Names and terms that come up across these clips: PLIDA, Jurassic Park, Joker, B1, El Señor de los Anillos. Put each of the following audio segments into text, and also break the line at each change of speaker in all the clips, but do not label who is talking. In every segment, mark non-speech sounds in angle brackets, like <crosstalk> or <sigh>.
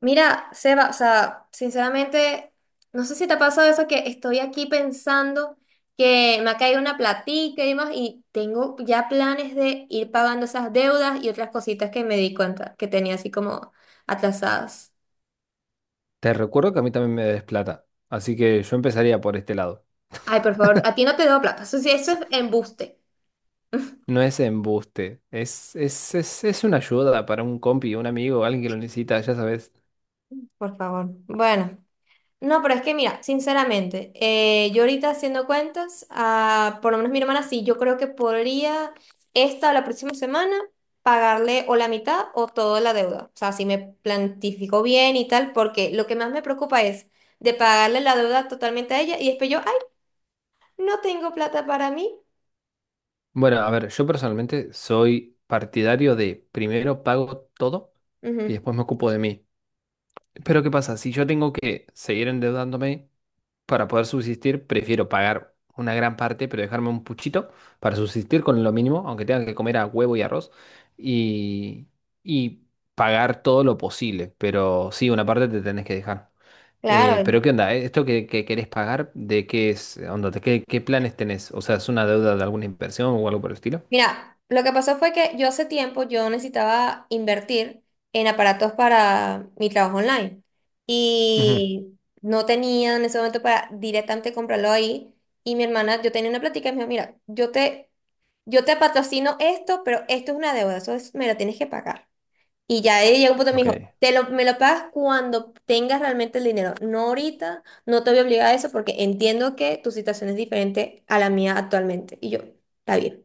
Mira, Seba, o sea, sinceramente, no sé si te ha pasado eso. Que estoy aquí pensando que me ha caído una platica y demás, y tengo ya planes de ir pagando esas deudas y otras cositas que me di cuenta que tenía así como atrasadas.
Te recuerdo que a mí también me des plata, así que yo empezaría por este lado.
Ay, por favor, a ti no te debo plata. Eso sí, eso es embuste.
No es embuste, es una ayuda para un compi, un amigo, alguien que lo necesita, ya sabes.
Por favor. Bueno. No, pero es que mira, sinceramente, yo ahorita haciendo cuentas, por lo menos mi hermana sí, yo creo que podría esta o la próxima semana pagarle o la mitad o toda la deuda. O sea, si me plantifico bien y tal, porque lo que más me preocupa es de pagarle la deuda totalmente a ella y después yo, ay, no tengo plata para mí.
Bueno, a ver, yo personalmente soy partidario de primero pago todo y
Ujú.
después me ocupo de mí. Pero ¿qué pasa? Si yo tengo que seguir endeudándome, para poder subsistir, prefiero pagar una gran parte, pero dejarme un puchito para subsistir con lo mínimo, aunque tenga que comer a huevo y arroz, y, y pagar todo lo posible. Pero sí, una parte te tenés que dejar.
Claro.
Pero ¿qué onda? ¿Eh? ¿Esto que querés pagar, de qué es? Onda, qué planes tenés? O sea, ¿es una deuda de alguna inversión o algo por el estilo?
Mira, lo que pasó fue que yo hace tiempo yo necesitaba invertir en aparatos para mi trabajo online
Ujú.
y no tenía en ese momento para directamente comprarlo ahí. Y mi hermana, yo tenía una plática y me dijo, mira, yo te patrocino esto, pero esto es una deuda, eso es, me lo tienes que pagar. Y ya ella llegó un punto y me
Ok.
dijo, me lo pagas cuando tengas realmente el dinero, no ahorita, no te voy a obligar a eso porque entiendo que tu situación es diferente a la mía actualmente. Y yo, está bien.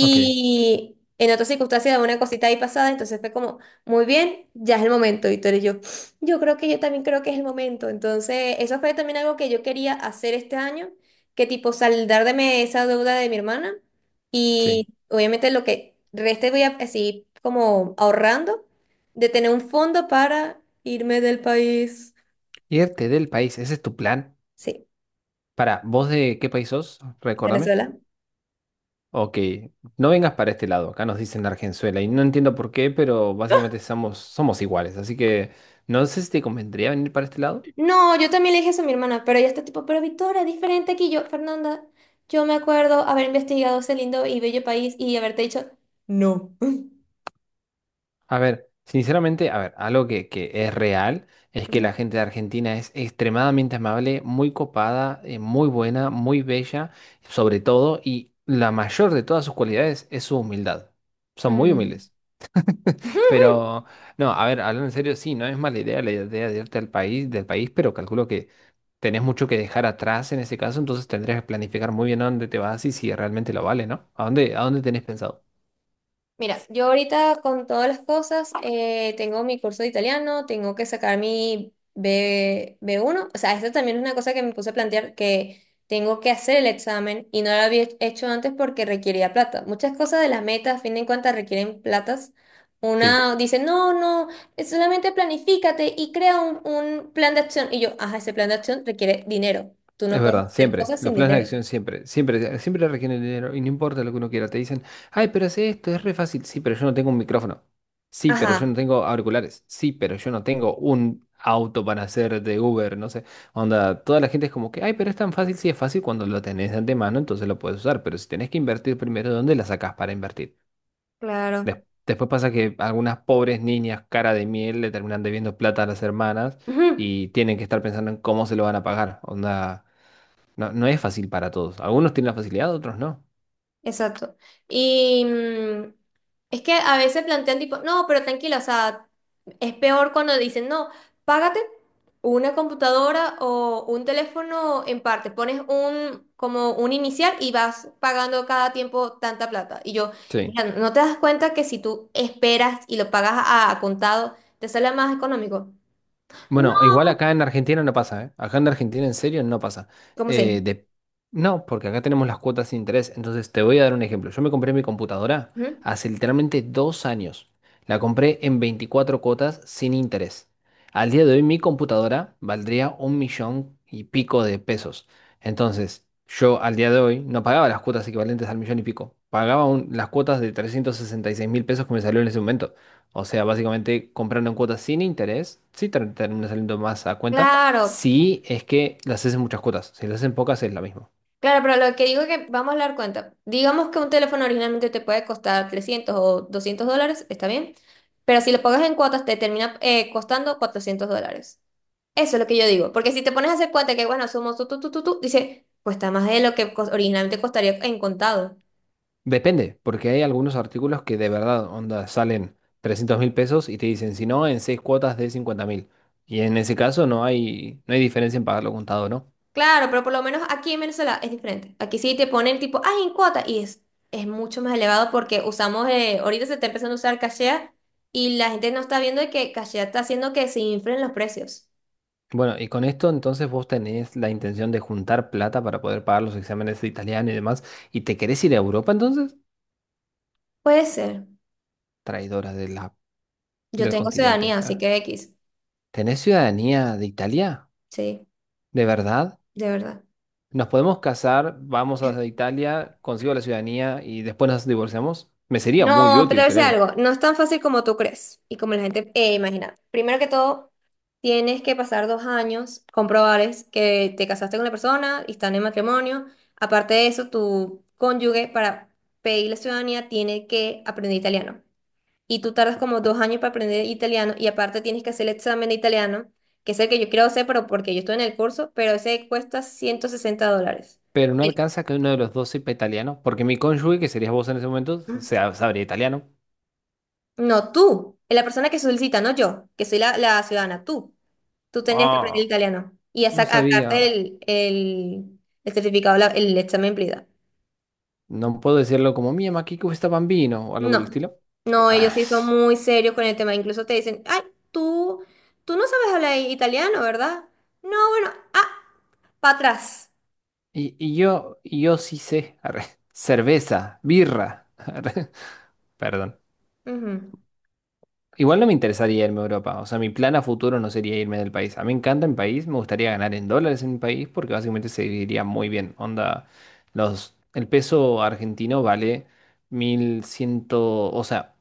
Ok.
en otra circunstancia, una cosita ahí pasada, entonces fue como, muy bien, ya es el momento. Y tú eres yo, yo creo que yo también creo que es el momento. Entonces, eso fue también algo que yo quería hacer este año, que tipo saldarme esa deuda de mi hermana.
Sí.
Y obviamente lo que reste voy a así como ahorrando de tener un fondo para irme del país.
Irte del país, ¿ese es tu plan?
Sí,
Para, ¿vos de qué país sos? Recordame.
Venezuela.
Ok, no vengas para este lado, acá nos dicen Argenzuela y no entiendo por qué, pero básicamente somos, iguales, así que no sé si te convendría venir para este lado.
No, yo también le dije eso a mi hermana, pero ella está tipo, pero Victoria, es diferente aquí. Yo, Fernanda, yo me acuerdo haber investigado ese lindo y bello país y haberte dicho, no.
A ver, sinceramente, a ver, algo que es real es que la
Ujú.
gente de Argentina es extremadamente amable, muy copada, muy buena, muy bella, sobre todo, y la mayor de todas sus cualidades es su humildad. Son muy
Mm.
humildes.
<laughs>
Pero, no, a ver, hablando en serio, sí, no es mala idea la idea de irte al país, del país, pero calculo que tenés mucho que dejar atrás en ese caso, entonces tendrías que planificar muy bien a dónde te vas y si realmente lo vale, ¿no? ¿A dónde tenés pensado?
Mira, yo ahorita con todas las cosas, tengo mi curso de italiano, tengo que sacar mi B1. O sea, esto también es una cosa que me puse a plantear que tengo que hacer el examen y no lo había hecho antes porque requería plata. Muchas cosas de las metas, a fin de cuentas, requieren platas.
Sí.
Una dice, no, no, es solamente planifícate y crea un plan de acción. Y yo, ajá, ese plan de acción requiere dinero. Tú
Es
no puedes
verdad,
hacer
siempre.
cosas
Los
sin
planes de
dinero.
acción siempre, siempre, siempre requieren dinero y no importa lo que uno quiera. Te dicen, ay, pero hace esto, es re fácil. Sí, pero yo no tengo un micrófono. Sí, pero yo no
Ajá,
tengo auriculares. Sí, pero yo no tengo un auto para hacer de Uber, no sé. Onda, toda la gente es como que, ay, pero es tan fácil. Sí, es fácil cuando lo tenés de antemano, entonces lo puedes usar. Pero si tenés que invertir primero, ¿dónde la sacás para invertir?
claro.
Después pasa que algunas pobres niñas cara de miel le terminan debiendo plata a las hermanas
Ujú.
y tienen que estar pensando en cómo se lo van a pagar. Onda. No, no es fácil para todos. Algunos tienen la facilidad, otros no.
Exacto. Y es que a veces plantean tipo, no, pero tranquila, o sea, es peor cuando dicen, no, págate una computadora o un teléfono en parte, pones un, como un inicial y vas pagando cada tiempo tanta plata. Y yo,
Sí.
mira, ¿no te das cuenta que si tú esperas y lo pagas a contado, te sale más económico? No,
Bueno, igual acá en Argentina no pasa, ¿eh? Acá en Argentina en serio no pasa.
¿cómo
Eh,
sí?
de... No, porque acá tenemos las cuotas sin interés. Entonces te voy a dar un ejemplo. Yo me compré mi computadora
Ujú.
hace literalmente 2 años. La compré en 24 cuotas sin interés. Al día de hoy mi computadora valdría un millón y pico de pesos. Entonces, yo al día de hoy no pagaba las cuotas equivalentes al millón y pico. Pagaba las cuotas de 366.000 pesos que me salió en ese momento. O sea, básicamente comprando en cuotas sin interés, sí te termina saliendo más a cuenta,
Claro.
si es que las haces en muchas cuotas, si las haces en pocas es la misma.
Claro, pero lo que digo es que vamos a dar cuenta. Digamos que un teléfono originalmente te puede costar $300 o $200, está bien, pero si lo pagas en cuotas te termina costando $400. Eso es lo que yo digo, porque si te pones a hacer cuenta que, bueno, somos tú, dice, cuesta más de lo que originalmente costaría en contado.
Depende, porque hay algunos artículos que de verdad, onda, salen 300.000 pesos y te dicen, si no, en seis cuotas de 50.000. Y en ese caso no hay, no hay diferencia en pagarlo contado, ¿no?
Claro, pero por lo menos aquí en Venezuela es diferente. Aquí sí te ponen tipo, ay, en cuota, y es mucho más elevado porque usamos, ahorita se está empezando a usar cachea y la gente no está viendo de que cachea está haciendo que se inflen los precios.
Bueno, y con esto entonces vos tenés la intención de juntar plata para poder pagar los exámenes de italiano y demás, y te querés ir a Europa entonces,
Puede ser.
traidora de la,
Yo
del
tengo
continente.
ciudadanía, así
Ah.
que X.
¿Tenés ciudadanía de Italia?
Sí,
¿De verdad?
de verdad.
¿Nos podemos casar? Vamos a Italia, consigo la ciudadanía y después nos divorciamos. Me sería muy
No, pero
útil,
es
créeme.
algo, no es tan fácil como tú crees y como la gente imagina. Primero que todo, tienes que pasar 2 años, comprobarles que te casaste con la persona y están en matrimonio. Aparte de eso, tu cónyuge para pedir la ciudadanía tiene que aprender italiano. Y tú tardas como 2 años para aprender italiano y aparte tienes que hacer el examen de italiano, que es el que yo quiero hacer, pero porque yo estoy en el curso, pero ese cuesta $160.
Pero no alcanza que uno de los dos sepa italiano, porque mi cónyuge, que serías vos en ese momento, sabría italiano.
No, tú, la persona que solicita, no yo, que soy la ciudadana, tú. Tú tendrías que aprender
Ah,
italiano y a
no
sacar
sabía.
el certificado, el examen PLIDA.
No puedo decirlo como mia, ma che gusta bambino o algo por el
No,
estilo.
no,
Ah,
ellos sí son muy serios con el tema. Incluso te dicen, ay, tú, tú no sabes hablar italiano, ¿verdad? No, bueno, ah, para atrás.
y yo sí sé. Arre. Cerveza, birra. <laughs> Arre. Perdón.
Ujú.
Igual no me interesaría irme a Europa. O sea, mi plan a futuro no sería irme del país. A mí me encanta mi país, me gustaría ganar en dólares en mi país porque básicamente se viviría muy bien. Onda, los, el peso argentino vale mil ciento o sea,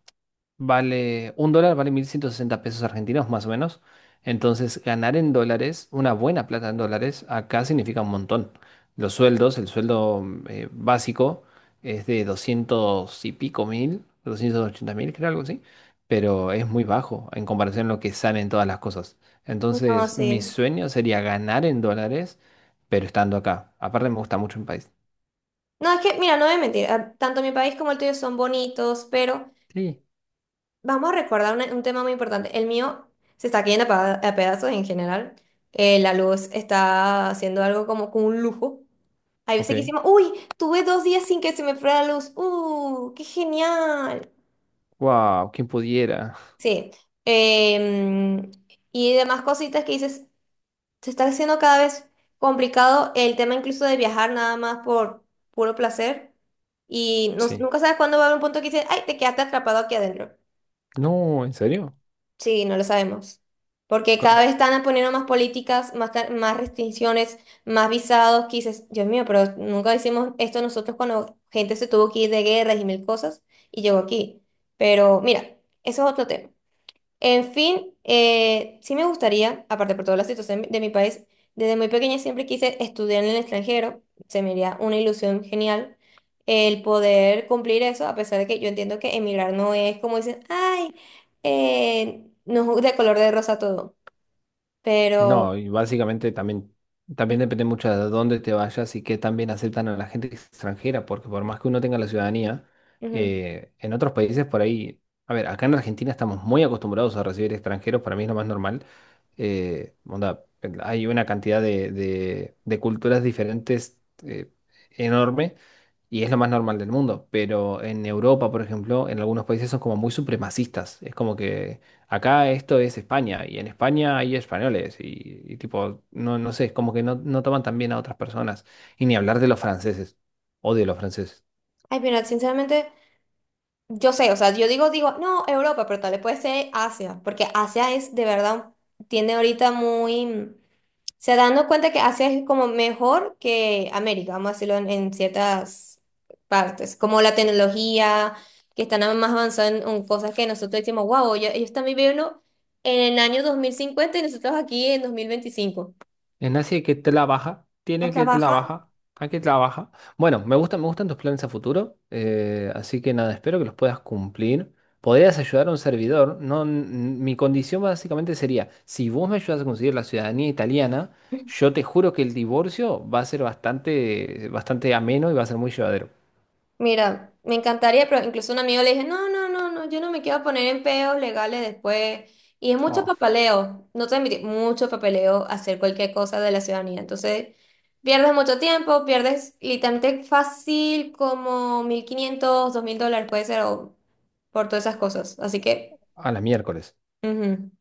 vale, un dólar vale 1.160 pesos argentinos más o menos. Entonces, ganar en dólares, una buena plata en dólares, acá significa un montón. Los sueldos, el sueldo básico es de 200 y pico mil, 280.000, creo algo así, pero es muy bajo en comparación a lo que salen todas las cosas.
No,
Entonces, mi
sí.
sueño sería ganar en dólares, pero estando acá. Aparte, me gusta mucho mi país.
No, es que, mira, no voy a mentir. Tanto mi país como el tuyo son bonitos, pero
Sí.
vamos a recordar un tema muy importante. El mío se está cayendo a a pedazos en general. La luz está haciendo algo como con un lujo. Hay veces que
Ok.
decimos, uy, tuve dos días sin que se me fuera la luz. ¡Uh, qué genial!
Wow, ¿quién pudiera?
Sí. Em, y demás cositas que dices, se está haciendo cada vez complicado el tema incluso de viajar nada más por puro placer. Y
Sí.
nunca sabes cuándo va a haber un punto que dices, ay, te quedaste atrapado aquí adentro.
No, ¿en serio?
Sí, no lo sabemos. Porque cada vez están poniendo más políticas, más restricciones, más visados, que dices, Dios mío, pero nunca hicimos esto nosotros cuando gente se tuvo que ir de guerras y mil cosas y llegó aquí. Pero mira, eso es otro tema. En fin, sí me gustaría, aparte por toda la situación de mi país, desde muy pequeña siempre quise estudiar en el extranjero, se me haría una ilusión genial el poder cumplir eso, a pesar de que yo entiendo que emigrar no es como dicen, ay, no es de color de rosa todo, pero...
No, y básicamente también, también depende mucho de dónde te vayas y qué también aceptan a la gente extranjera, porque por más que uno tenga la ciudadanía,
Ujú.
en otros países por ahí, a ver, acá en Argentina estamos muy acostumbrados a recibir extranjeros, para mí es lo más normal. Onda, hay una cantidad de culturas diferentes, enorme y es lo más normal del mundo, pero en Europa, por ejemplo, en algunos países son como muy supremacistas. Es como que acá esto es España y en España hay españoles y tipo, no, no sé, es como que no, no toman tan bien a otras personas. Y ni hablar de los franceses. Odio a los franceses.
Ay, mira, sinceramente, yo sé, o sea, yo digo, no, Europa, pero tal vez puede ser Asia, porque Asia es de verdad, tiene ahorita muy, sea, dando cuenta que Asia es como mejor que América, vamos a decirlo en ciertas partes, como la tecnología, que están más avanzadas en cosas que nosotros decimos, wow, ellos están viviendo en el año 2050 y nosotros aquí en 2025.
Es así que trabaja,
A
tiene que
trabajar.
trabajar, hay que trabajar. Bueno, me gustan tus planes a futuro, así que nada, espero que los puedas cumplir. Podrías ayudar a un servidor, no, mi condición básicamente sería, si vos me ayudas a conseguir la ciudadanía italiana, yo te juro que el divorcio va a ser bastante, bastante ameno y va a ser muy llevadero.
Mira, me encantaría, pero incluso un amigo le dije, no, yo no me quiero poner en peos legales después. Y es mucho
Oh,
papeleo, no te voy a mentir, mucho papeleo hacer cualquier cosa de la ciudadanía. Entonces, pierdes mucho tiempo, pierdes literalmente fácil como $1.500, $2.000 puede ser, o por todas esas cosas. Así que,
a la miércoles.
ujú,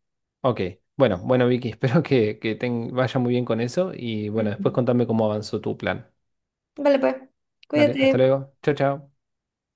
Ok, bueno, bueno Vicky, <laughs> espero que te vaya muy bien con eso y bueno, después
ujú.
contame cómo avanzó tu plan.
Vale, pues,
Dale, hasta
cuídate.
luego. Chao, chao.